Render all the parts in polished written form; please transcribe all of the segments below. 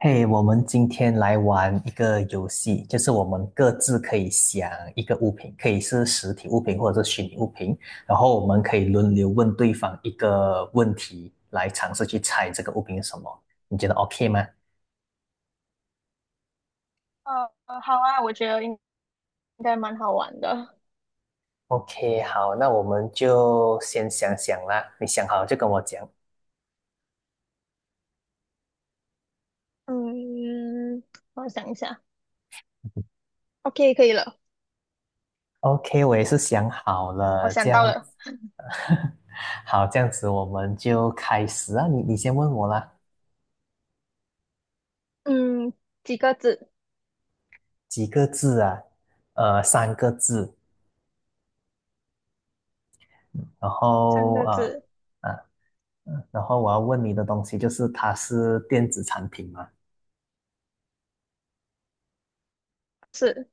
嘿，我们今天来玩一个游戏，就是我们各自可以想一个物品，可以是实体物品或者是虚拟物品，然后我们可以轮流问对方一个问题，来尝试去猜这个物品是什么。你觉得 OK 吗好啊，我觉得应该蛮好玩的。？OK，好，那我们就先想想啦。你想好就跟我讲。嗯，我想一下，OK，可以了，OK，我也是想好我了，这想样到了。子，好，这样子我们就开始啊。你先问我啦，嗯，几个字？几个字啊？三个字。然三后个呃字。啊然后我要问你的东西就是它是电子产品吗是，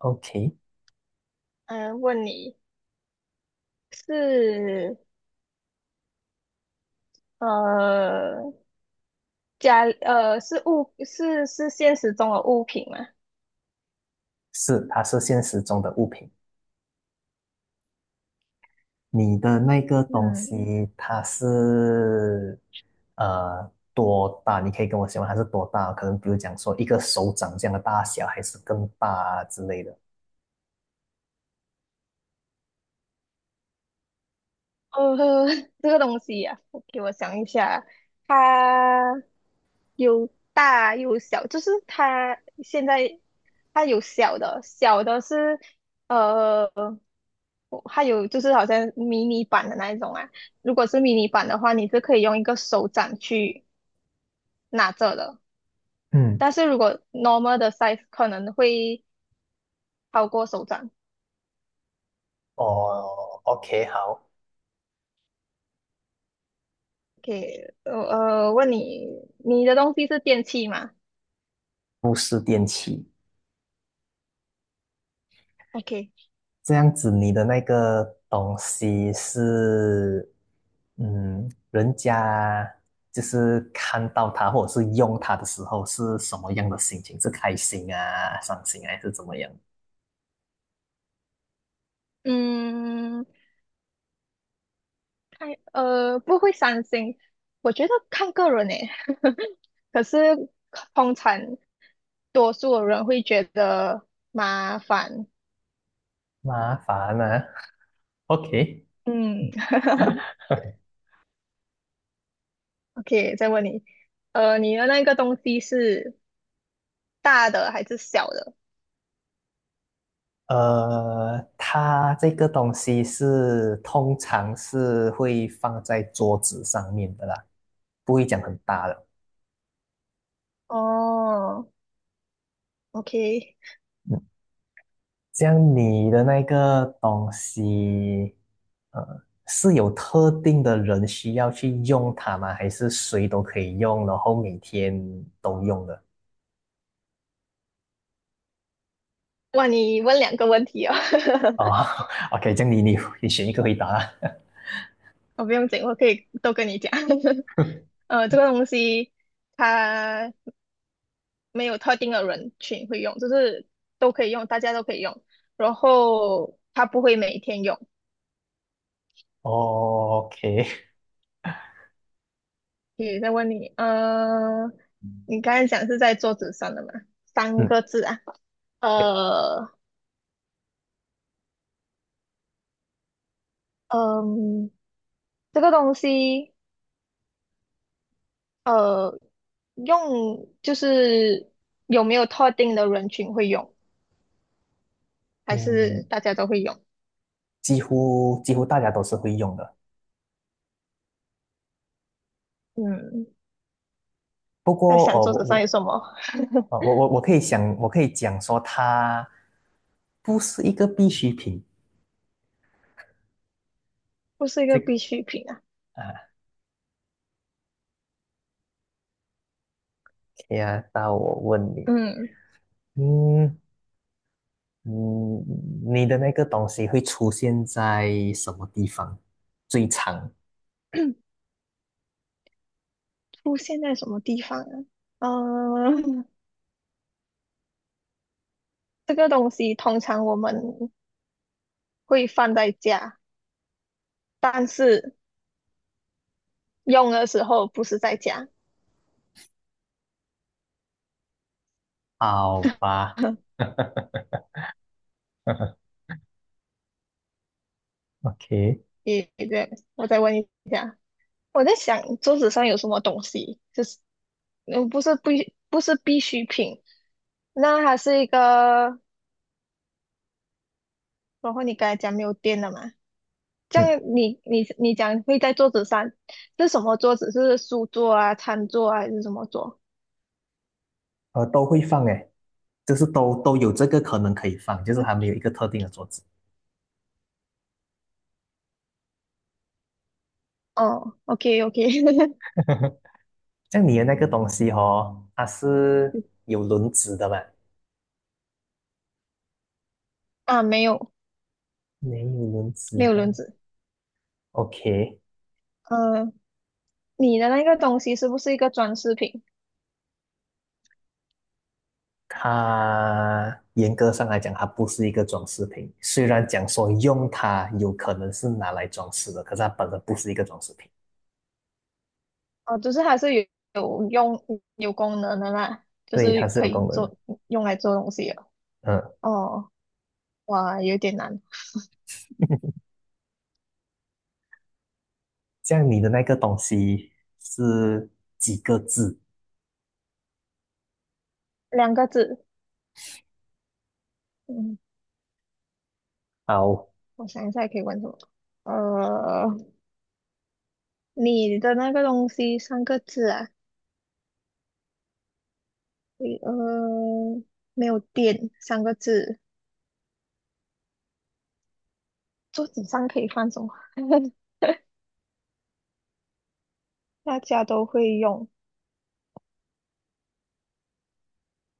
？OK，问你是呃是是现实中的物品吗？是，它是现实中的物品。你的那个东嗯，西它是多大？你可以跟我形容它是多大？可能比如讲说一个手掌这样的大小，还是更大啊之类的。呃，这个东西啊，给我想一下，它有大有小，就是它现在它有小的，小的是呃，它有就是好像迷你版的那一种啊。如果是迷你版的话，你是可以用一个手掌去拿着的，嗯，但是如果 normal 的 size 可能会超过手掌。哦，OK，好，OK，问你，你的东西是电器吗不是电器。？OK，这样子，你的那个东西是，嗯，人家就是看到它或者是用它的时候是什么样的心情？是开心啊、伤心啊还是怎么样？嗯。不会伤心，我觉得看个人诶。可是通常多数人会觉得麻烦。麻烦啊，OK。嗯 ，OK，再问你，你的那个东西是大的还是小的？它这个东西是通常是会放在桌子上面的啦，不会讲很大的。哦，OK，嗯，这样你的那个东西，是有特定的人需要去用它吗？还是谁都可以用，然后每天都用的？哇，你问两个问题哦。哦 ，OK，这样你选一个回答啊 我不用紧，我可以都跟你讲。呃，这个东西它没有特定的人群会用，就是都可以用，大家都可以用。然后它不会每天用。哦，OK，也在问你，你刚才讲是在桌子上的嘛？三嗯，个字啊，对，呃，嗯，这个东西，呃，用就是有没有特定的人群会用，还是嗯，大家都会用？几乎几乎大家都是会用的。嗯，不在过，想哦，桌子上有什么？我可以想，我可以讲说它不是一个必需品。不是一这个个必需品啊。啊，OK 啊，那我问你。嗯，嗯，嗯，你的那个东西会出现在什么地方最常？出现在什么地方啊？嗯，这个东西通常我们会放在家，但是用的时候不是在家。好吧 ，OK，你对，我再问一下，我在想桌子上有什么东西，就是嗯，不是必需品，那还是一个，然后你刚才讲没有电了嘛？这嗯，样你讲会在桌子上是什么桌子？是书桌啊、餐桌啊，还是什么桌？都会放诶，就是都有这个可能可以放，就是嗯还没有一个特定的桌子。哦，OK OK，像你的那个东西哦，它是有轮子的吧？啊，没有没有轮子没有轮哈。子。OK，呃，你的那个东西是不是一个装饰品？它严格上来讲，它不是一个装饰品。虽然讲说用它有可能是拿来装饰的，可是它本身不是一个装饰品。哦，就是还是有有用有功能的啦，就对，是它是可有以功能的。做用来做东西的。嗯，哦，哇，有点难，像你的那个东西是几个字？两个字。嗯，好，我想一下可以问什么？呃，你的那个东西三个字啊？你呃，没有电三个字。桌子上可以放什么？大家都会用。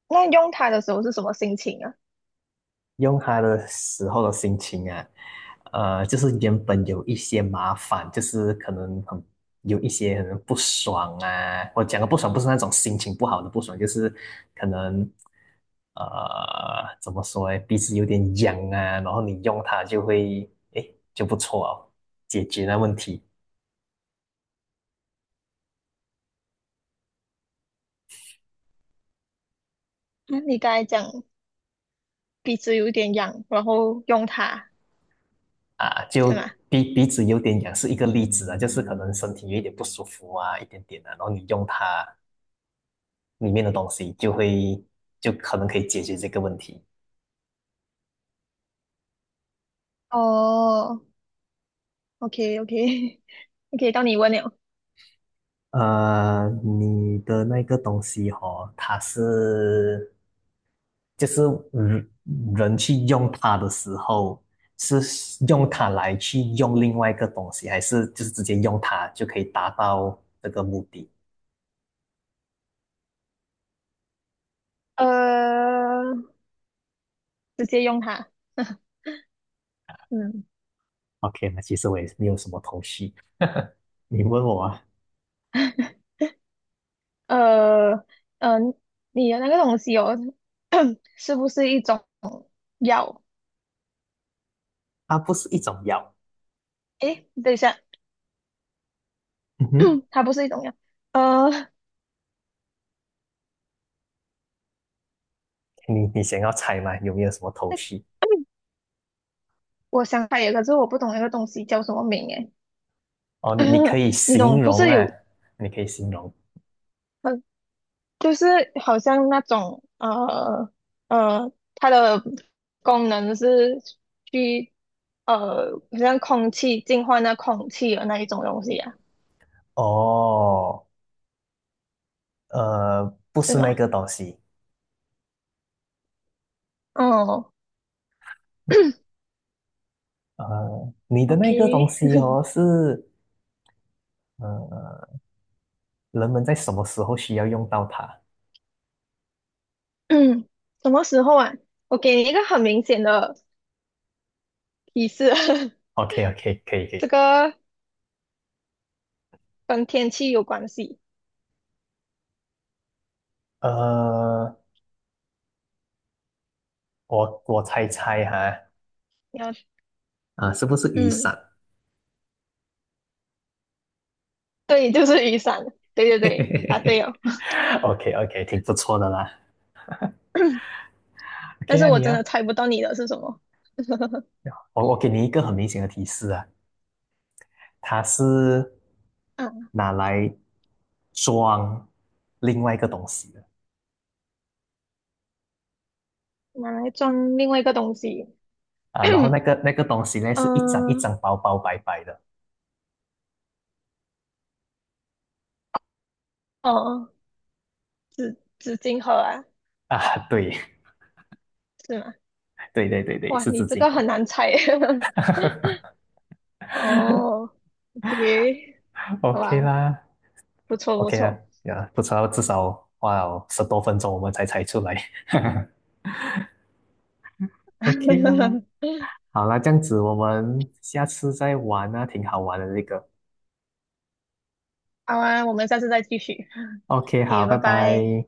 那用它的时候是什么心情啊？用它的时候的心情啊，就是原本有一些麻烦，就是可能很有一些可能不爽啊。我讲的不爽不是那种心情不好的不爽，就是可能呃怎么说诶，鼻子有点痒啊，然后你用它就会诶就不错哦，解决那问题嗯，你刚才讲。鼻子有点痒，然后用它，啊。就是吗？鼻子有点痒是一个例子啊，就是可能身体有一点不舒服啊，一点点啊，然后你用它。里面的东西，就会就可能可以解决这个问题。哦，OK OK OK，到你问了，你的那个东西哦，它是就是人人去用它的时候，是用它来去用另外一个东西，还是就是直接用它就可以达到这个目的呃，直接用它，嗯，？OK，那其实我也是没有什么头绪。你问我啊，呃，嗯呃，你的那个东西哦，是不是一种药？它不是一种药。诶，等一下，嗯哼，它不是一种药，呃，你想要猜吗？有没有什么头绪？我想起有，个，可是我不懂那个东西叫什么名诶，哦，你可 以你懂，形不容是啊，有，你可以形容。呃就是好像那种它的功能是去好像空气净化那空气的那一种东西啊，哦，呃，不是是那吗？个东西，哦你的那个东，OK，西哦，是呃，人们在什么时候需要用到它 嗯，什么时候啊？我给你一个很明显的提示，？OK OK，可以可这以，个跟天气有关系。呃，我我猜猜哈，你要，啊，是不是雨嗯，伞 对，就是雨伞。对对对，答对哦。？OK OK，挺不错的啦。但 OK 是啊，我你真啊，的猜不到你的是什么。我给你一个很明显的提示啊，它是嗯，拿来装另外一个东西的。拿来装另外一个东西。啊，然后那 个那个东西呢，是一张一嗯，张薄薄白白的哦，纸巾盒啊，啊，对 是吗？对对对对，哇，是你纸这巾个盒。很难猜耶。哦，OK，好 OK 吧，啦不错不，OK 啦，错。呀，不错道至少花了十多分钟我们才猜出来。OK 啦，好啦，这样子我们下次再玩啊，挺好玩的这个。好啊，我们下次再继续。OK，好，o 拜拜拜。拜。